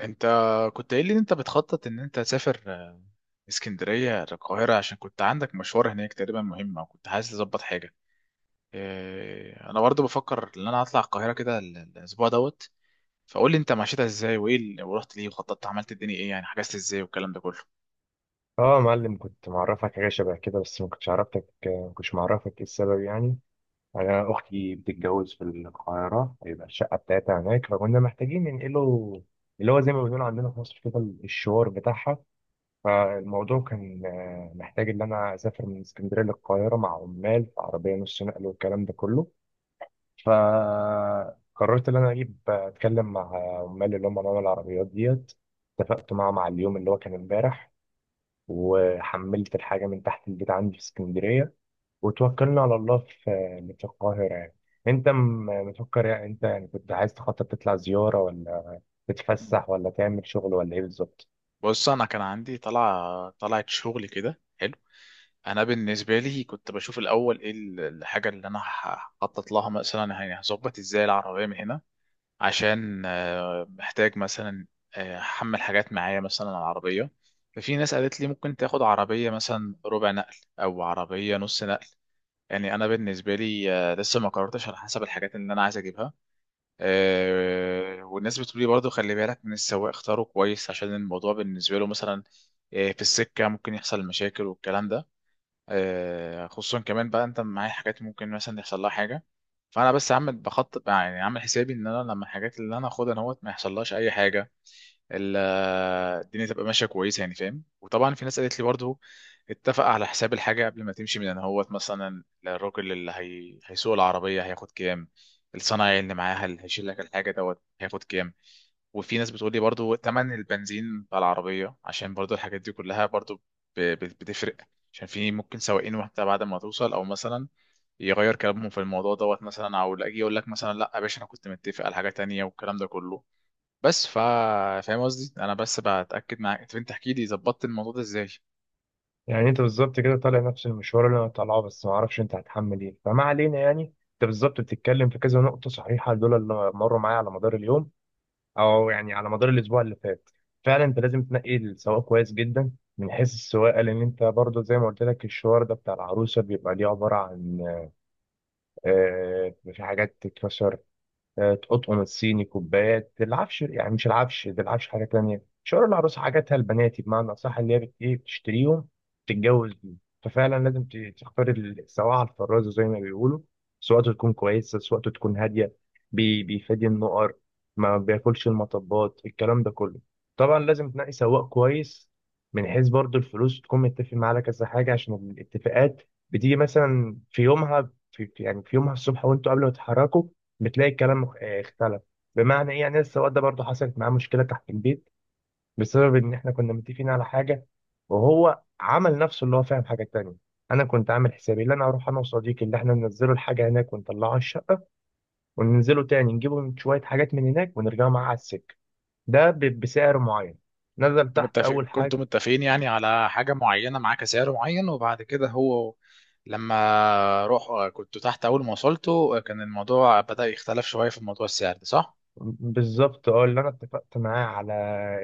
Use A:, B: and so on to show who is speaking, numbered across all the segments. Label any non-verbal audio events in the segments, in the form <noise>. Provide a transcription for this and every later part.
A: انت كنت قايل لي ان انت بتخطط ان انت تسافر اسكندرية القاهرة، عشان كنت عندك مشوار هناك تقريبا مهم او كنت عايز تظبط حاجة. انا برضه بفكر ان انا هطلع القاهرة كده الاسبوع دوت، فقول لي انت مشيتها ازاي وايه ورحت ليه وخططت عملت الدنيا ايه، يعني حجزت ازاي والكلام ده كله.
B: اه يا معلم كنت معرفك حاجه شبه كده، بس ما كنتش معرفك ايه السبب يعني. انا اختي بتتجوز في القاهره، هيبقى الشقه بتاعتها هناك فكنا محتاجين ننقله، اللي هو زي ما بنقول عندنا في مصر كده، الشوار بتاعها. فالموضوع كان محتاج ان انا اسافر من اسكندريه للقاهره مع عمال في عربيه نص نقل والكلام ده كله. فقررت ان انا اجيب اتكلم مع عمال اللي هم عمال العربيات ديت. اتفقت معاهم على اليوم اللي هو كان امبارح، وحملت الحاجة من تحت البيت عندي في اسكندرية، وتوكلنا على الله في القاهرة يعني. انت مفكر يعني، يعني كنت عايز تخطط تطلع زيارة، ولا تتفسح، ولا تعمل شغل، ولا ايه بالظبط؟
A: بص، انا كان عندي طلعت شغل كده حلو. انا بالنسبه لي كنت بشوف الاول ايه الحاجه اللي انا هخطط لها مثلا، يعني هظبط ازاي العربيه من هنا عشان محتاج مثلا احمل حاجات معايا مثلا على العربيه. ففي ناس قالت لي ممكن تاخد عربيه مثلا ربع نقل او عربيه نص نقل. يعني انا بالنسبه لي لسه ما قررتش على حسب الحاجات اللي انا عايز اجيبها. والناس بتقول لي برضو خلي بالك من السواق، اختاره كويس عشان الموضوع بالنسبه له مثلا في السكه ممكن يحصل مشاكل والكلام ده. خصوصا كمان بقى انت معايا حاجات ممكن مثلا يحصل لها حاجه. فانا بس عامل بخطط، يعني عامل حسابي ان انا لما الحاجات اللي انا اخدها اهوت ما يحصلهاش اي حاجه، ال- الدنيا تبقى ماشيه كويسه، يعني فاهم. وطبعا في ناس قالت لي برضو اتفق على حساب الحاجه قبل ما تمشي، من ان هوت مثلا الراجل هيسوق العربيه هياخد كام، الصنايعي اللي معاها اللي هيشيل لك الحاجه دوت هياخد كام. وفي ناس بتقول لي برضو تمن البنزين بتاع العربيه، عشان برضو الحاجات دي كلها برضو بتفرق، عشان في ممكن سواقين واحده بعد ما توصل او مثلا يغير كلامهم في الموضوع دوت، مثلا او اجي يقول لك مثلا لا يا باشا انا كنت متفق على حاجه تانية والكلام ده كله. بس فاهم قصدي، انا بس بتاكد معاك. طب انت احكي لي ظبطت الموضوع ده ازاي.
B: يعني انت بالظبط كده طالع نفس المشوار اللي انا طالعه، بس ما اعرفش انت هتحمل ايه. فما علينا، يعني انت بالظبط بتتكلم في كذا نقطة صحيحة، دول اللي مروا معايا على مدار اليوم، او يعني على مدار الاسبوع اللي فات. فعلا انت لازم تنقي السواق كويس جدا من حيث السواقه، لان انت برضو زي ما قلت لك الشوار ده بتاع العروسه بيبقى ليه عباره عن في حاجات تتكسر. تقطقم الصيني، كوبايات، العفش، يعني مش العفش ده، العفش حاجه تانية. شعور العروسه، حاجاتها البناتي بمعنى اصح، اللي هي بت- ايه بتشتريهم تتجوز بيهم. ففعلا لازم تختار سواعة الفرازه زي ما بيقولوا. سواقته تكون كويسه، سواقته تكون هاديه، بيفادي النقر، ما بياكلش المطبات، الكلام ده كله. طبعا لازم تنقي سواق كويس، من حيث برضو الفلوس تكون متفق معاه على كذا حاجه، عشان الاتفاقات بتيجي مثلا في يومها. في يومها الصبح وانتوا قبل ما تتحركوا بتلاقي الكلام اختلف. بمعنى ايه يعني؟ لسه الواد ده برضه حصلت معاه مشكله تحت البيت بسبب ان احنا كنا متفقين على حاجه، وهو عمل نفسه اللي هو فاهم حاجه تانية. انا كنت عامل حسابي اللي انا هروح انا وصديقي اللي احنا ننزله الحاجه هناك ونطلعه الشقه، وننزله تاني نجيبه من شويه حاجات من هناك ونرجعه معاه على السكه، ده بسعر معين. نزل تحت اول
A: كنتوا
B: حاجه،
A: متفقين يعني على حاجه معينه معاه كسعر معين، وبعد كده هو لما روح كنتوا تحت اول ما وصلتوا كان الموضوع بدأ يختلف شويه في موضوع السعر ده، صح؟
B: بالظبط اه اللي انا اتفقت معاه على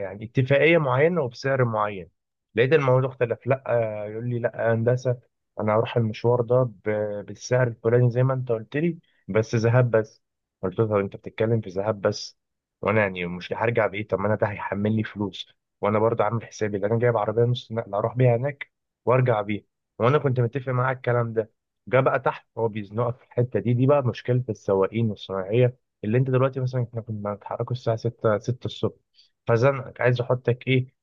B: يعني اتفاقيه معينه وبسعر معين، لقيت الموضوع اختلف. لا، يقول لي لا يا هندسه انا هروح المشوار ده بالسعر الفلاني زي ما انت قلت لي، بس ذهاب بس. قلت له طب انت بتتكلم في ذهاب بس، وانا يعني مش هرجع بايه؟ طب ما انا ده هيحمل لي فلوس، وانا برضه عامل حسابي اللي انا جايب عربيه نص نقل اروح بيها هناك وارجع بيها، وانا كنت متفق معاه على الكلام ده. جه بقى تحت هو بيزنقك في الحته دي بقى مشكله السواقين والصناعيه، اللي انت دلوقتي مثلا احنا كنا بنتحركوا الساعه 6 الصبح. فزنقك عايز احطك ايه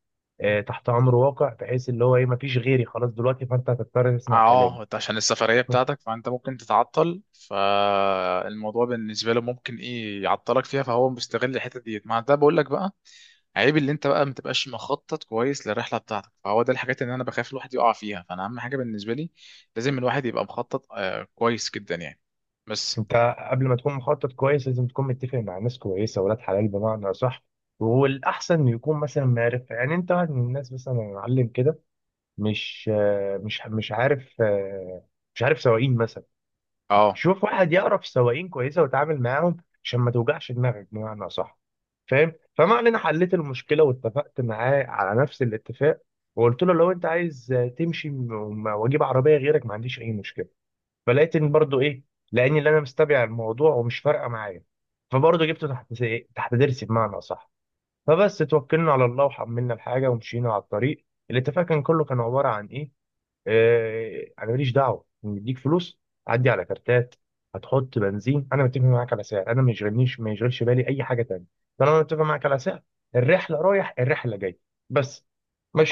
B: تحت امر واقع، بحيث اللي هو ايه، مفيش غيري خلاص دلوقتي، فانت هتضطر تسمع كلامي.
A: اه، انت عشان السفرية
B: <laughs>
A: بتاعتك فانت ممكن تتعطل، فالموضوع بالنسبة له ممكن ايه يعطلك فيها، فهو مستغل الحتة ديت. مع ده بقول لك بقى عيب اللي انت بقى ما تبقاش مخطط كويس للرحلة بتاعتك، فهو ده الحاجات اللي انا بخاف الواحد يقع فيها. فانا اهم حاجة بالنسبة لي لازم الواحد يبقى مخطط آه كويس جدا يعني. بس.
B: انت قبل ما تكون مخطط كويس لازم تكون متفق مع ناس كويسه ولاد حلال بمعنى صح. والاحسن إنه يكون مثلا معرف، يعني انت واحد من الناس مثلا يا معلم كده مش عارف، مش عارف سواقين مثلا.
A: اه،
B: شوف واحد يقرا في سواقين كويسه وتعامل معاهم، عشان ما توجعش دماغك بمعنى صح. فاهم؟ فما علينا، حليت المشكله واتفقت معاه على نفس الاتفاق، وقلت له لو انت عايز تمشي واجيب عربيه غيرك ما عنديش اي مشكله. فلقيت ان برضو ايه، لاني اللي انا مستبع الموضوع ومش فارقه معايا، فبرضه جبته تحت تحت ضرسي بمعنى صح. فبس توكلنا على الله وحملنا الحاجه ومشينا على الطريق. الاتفاق كان كله كان عباره عن ايه، انا ماليش دعوه، مديك فلوس، عدي على كارتات، هتحط بنزين، انا متفق معاك على سعر، انا ما يشغلنيش ما يشغلش بالي اي حاجه تانية طالما انا متفق معاك على سعر، الرحله رايح الرحله جاي، بس.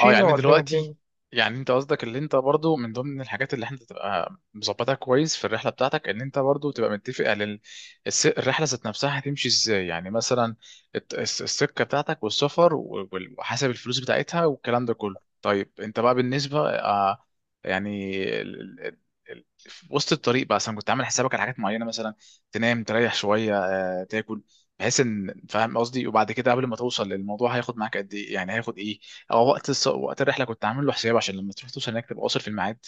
A: اه، يعني
B: ودينا الدنيا.
A: دلوقتي يعني انت قصدك اللي انت برضو من ضمن الحاجات اللي انت تبقى مظبطها كويس في الرحله بتاعتك ان انت برضو تبقى متفق على الرحله ذات نفسها هتمشي ازاي، يعني مثلا السكه بتاعتك والسفر وحسب الفلوس بتاعتها والكلام ده كله. طيب انت بقى بالنسبه يعني ال- ال- ال- في وسط الطريق بقى مثلا كنت عامل حسابك على حاجات معينه، مثلا تنام تريح شويه، تاكل، بحيث ان فاهم قصدي؟ وبعد كده قبل ما توصل للموضوع هياخد معاك قد ايه يعني، هياخد ايه؟ او وقت الرحله كنت عامل له حساب عشان لما تروح توصل هناك تبقى واصل في الميعاد.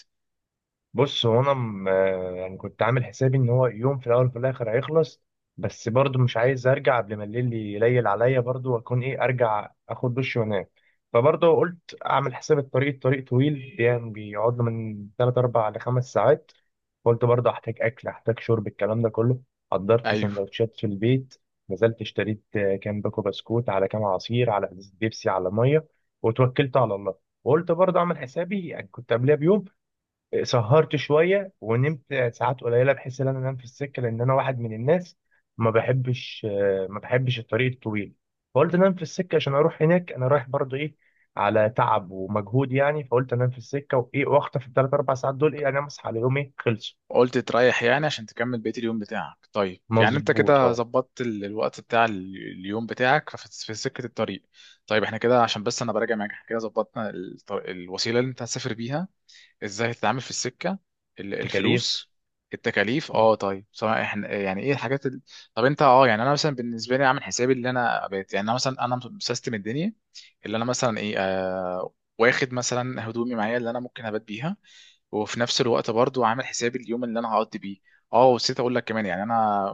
B: بص هو انا يعني كنت عامل حسابي ان هو يوم في الاول وفي الاخر هيخلص، بس برضه مش عايز ارجع قبل ما الليل يليل عليا، برضه واكون ايه، ارجع اخد دش وانام. فبرضه قلت اعمل حساب الطريق، الطريق طويل يعني بيقعد له من 3 4 ل 5 ساعات. قلت برضه احتاج اكل، احتاج شرب، الكلام ده كله. حضرت
A: ايوه،
B: سندوتشات في البيت، نزلت اشتريت كام باكو بسكوت على كام عصير على ازازة بيبسي على ميه، وتوكلت على الله. وقلت برضه اعمل حسابي، يعني كنت قبلها بيوم سهرت شويه ونمت ساعات قليله بحيث ان انا انام في السكه، لان انا واحد من الناس ما بحبش الطريق الطويل. فقلت انام في السكه، عشان اروح هناك انا رايح برضو ايه، على تعب ومجهود يعني. فقلت انام في السكه وايه، واخطف الثلاث اربع ساعات دول ايه، انام اصحى على يوم ايه خلصوا.
A: قلت تريح يعني عشان تكمل بقيه اليوم بتاعك. طيب يعني انت
B: مظبوط
A: كده
B: اه.
A: ظبطت الوقت بتاع اليوم بتاعك في في سكه الطريق. طيب احنا كده عشان بس انا براجع معاك، احنا كده ظبطنا الوسيله اللي انت هتسافر بيها، ازاي هتتعامل في السكه،
B: تكاليف.
A: الفلوس، التكاليف. اه، طيب، سواء احنا يعني ايه طب انت اه، يعني انا مثلا بالنسبه لي عامل حسابي اللي انا بقيت يعني انا مثلا، انا مسيستم الدنيا اللي انا مثلا ايه آه واخد مثلا هدومي معايا اللي انا ممكن ابات بيها، وفي نفس الوقت برضو عامل حسابي اليوم اللي انا هقضي بيه. اه، ونسيت اقول لك كمان يعني انا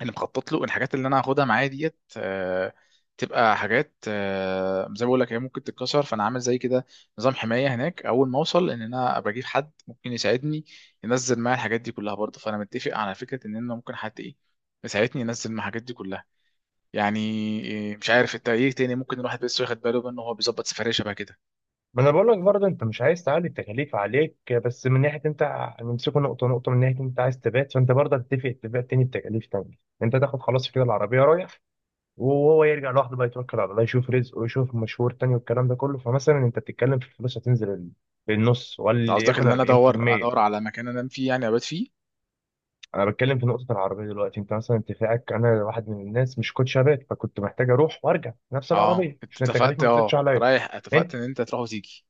A: اللي مخطط له، الحاجات اللي انا هاخدها معايا ديت تبقى حاجات زي ما بقول لك هي ممكن تتكسر، فانا عامل زي كده نظام حمايه هناك اول ما اوصل ان انا ابقى اجيب حد ممكن يساعدني ينزل معايا الحاجات دي كلها برضه، فانا متفق على فكره ان انا ممكن حد ايه يساعدني ينزل مع الحاجات دي كلها. يعني إيه، مش عارف انت ايه تاني ممكن الواحد بس ياخد باله منه وهو بيظبط سفريه شبه كده؟
B: ما انا بقول لك برضه انت مش عايز تعلي التكاليف عليك، بس من ناحيه انت نمسكه نقطه نقطه، من ناحيه انت عايز تبات، فانت برضه هتتفق اتفاق تاني بتكاليف تانية. انت تاخد خلاص كده العربيه رايح، وهو يرجع لوحده بقى يتوكل على الله يشوف رزقه ويشوف مشوار تاني والكلام ده كله. فمثلا انت بتتكلم في الفلوس هتنزل للنص
A: انت قصدك
B: وليكن
A: ان انا ادور
B: 40%.
A: على مكان انام فيه يعني ابات فيه؟
B: انا بتكلم في نقطة العربية دلوقتي. انت مثلا اتفاقك، انا واحد من الناس مش كنت شغال، فكنت محتاج اروح وارجع نفس
A: اه،
B: العربية
A: انت
B: عشان التكاليف
A: اتفقت
B: ما تزيدش
A: اه
B: عليا.
A: رايح، اتفقت
B: انت
A: ان انت تروح وتيجي.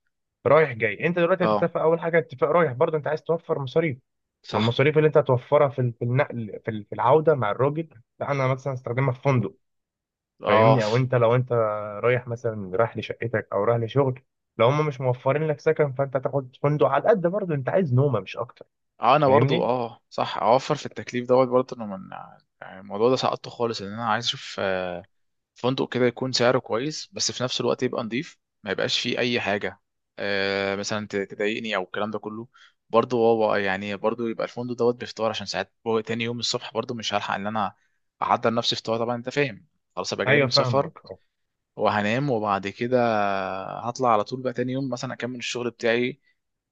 B: رايح جاي، انت دلوقتي
A: اه،
B: هتتفق اول حاجة اتفاق رايح، برضه انت عايز توفر مصاريف.
A: صح.
B: والمصاريف اللي انت هتوفرها في في النقل، في في العودة مع الراجل، لا انا مثلا استخدمها في فندق.
A: اه،
B: فاهمني؟ او انت لو انت رايح مثلا رايح لشقتك او رايح لشغل، لو هم مش موفرين لك سكن فانت تاخد فندق على قد، برضه انت عايز نومه مش اكتر.
A: اه، انا برضو
B: فاهمني؟
A: اه صح اوفر في التكليف دوت برضو، انه من يعني الموضوع ده سقطته خالص ان انا عايز اشوف فندق كده يكون سعره كويس بس في نفس الوقت يبقى نضيف، ما يبقاش فيه اي حاجه مثلا تضايقني او الكلام ده كله. برضو هو يعني برضو يبقى الفندق دوت بفطار عشان ساعات تاني يوم الصبح برضو مش هلحق ان انا احضر نفسي فطار، طبعا انت فاهم، خلاص ابقى جاي
B: ايوه
A: من سفر
B: فاهمك آه.
A: وهنام، وبعد كده هطلع على طول بقى تاني يوم مثلا اكمل الشغل بتاعي.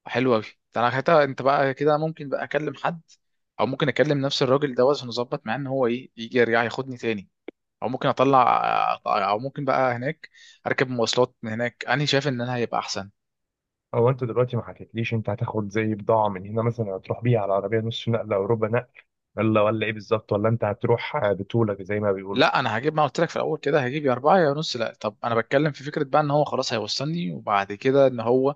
A: حلو قوي. انا حتى انت بقى كده ممكن بقى اكلم حد، او ممكن اكلم نفس الراجل ده عشان نظبط معاه ان هو ايه يجي يرجع ياخدني تاني، او ممكن اطلع، او ممكن بقى هناك اركب مواصلات من هناك، انا شايف ان انا هيبقى احسن.
B: هو انت دلوقتي ما حكيتليش انت هتاخد زي بضاعه من هنا مثلا هتروح بيها على عربيه نص نقله او ربع نقل، ولا ايه بالظبط، ولا انت هتروح بطولك زي ما بيقولوا؟
A: لا، انا هجيب ما قلت لك في الاول كده، هجيب يا اربعه يا نص. لا طب انا بتكلم في فكره بقى ان هو خلاص هيوصلني، وبعد كده ان هو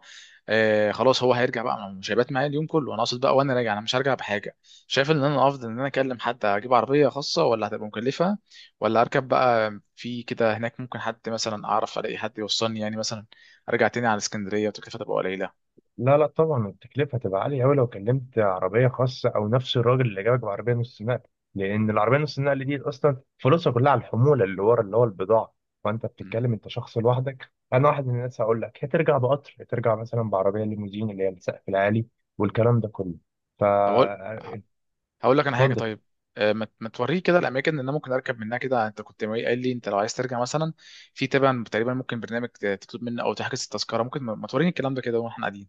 A: آه خلاص هو هيرجع بقى، ما هو مش هيبات معايا اليوم كله، انا اقصد بقى وانا راجع انا مش هرجع بحاجه. شايف ان انا افضل ان انا اكلم حد اجيب عربيه خاصه ولا هتبقى مكلفه؟ ولا اركب بقى في كده هناك ممكن حد مثلا اعرف، الاقي حد يوصلني يعني مثلا، ارجع تاني على اسكندريه وتكلفتها تبقى قليله.
B: لا لا، طبعا التكلفة هتبقى عالية أوي لو كلمت عربية خاصة أو نفس الراجل اللي جابك بعربية نص نقل، لأن العربية نص نقل دي أصلا فلوسها كلها على الحمولة اللي ورا اللي هو البضاعة. فأنت
A: مم.
B: بتتكلم أنت شخص لوحدك، أنا واحد من الناس هقول لك هترجع بقطر، هترجع مثلا بعربية ليموزين اللي هي السقف العالي والكلام ده كله،
A: طب اقول،
B: فاتفضل.
A: هقول لك انا حاجه. طيب، ما ما توريه كده الاماكن اللي انا ممكن اركب منها كده؟ انت كنت قايل لي انت لو عايز ترجع مثلا في تبع تقريبا ممكن برنامج تطلب منه او تحجز التذكره، ممكن ما ما توريني الكلام ده كده واحنا قاعدين؟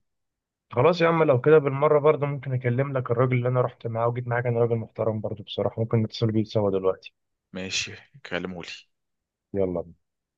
B: خلاص يا عم، لو كده بالمرة برضه ممكن أكلم لك الراجل اللي أنا رحت معاه وجيت معاه، كان راجل محترم برضه بصراحة، ممكن نتصل بيه سوا دلوقتي.
A: ماشي، كلمه لي.
B: يلا.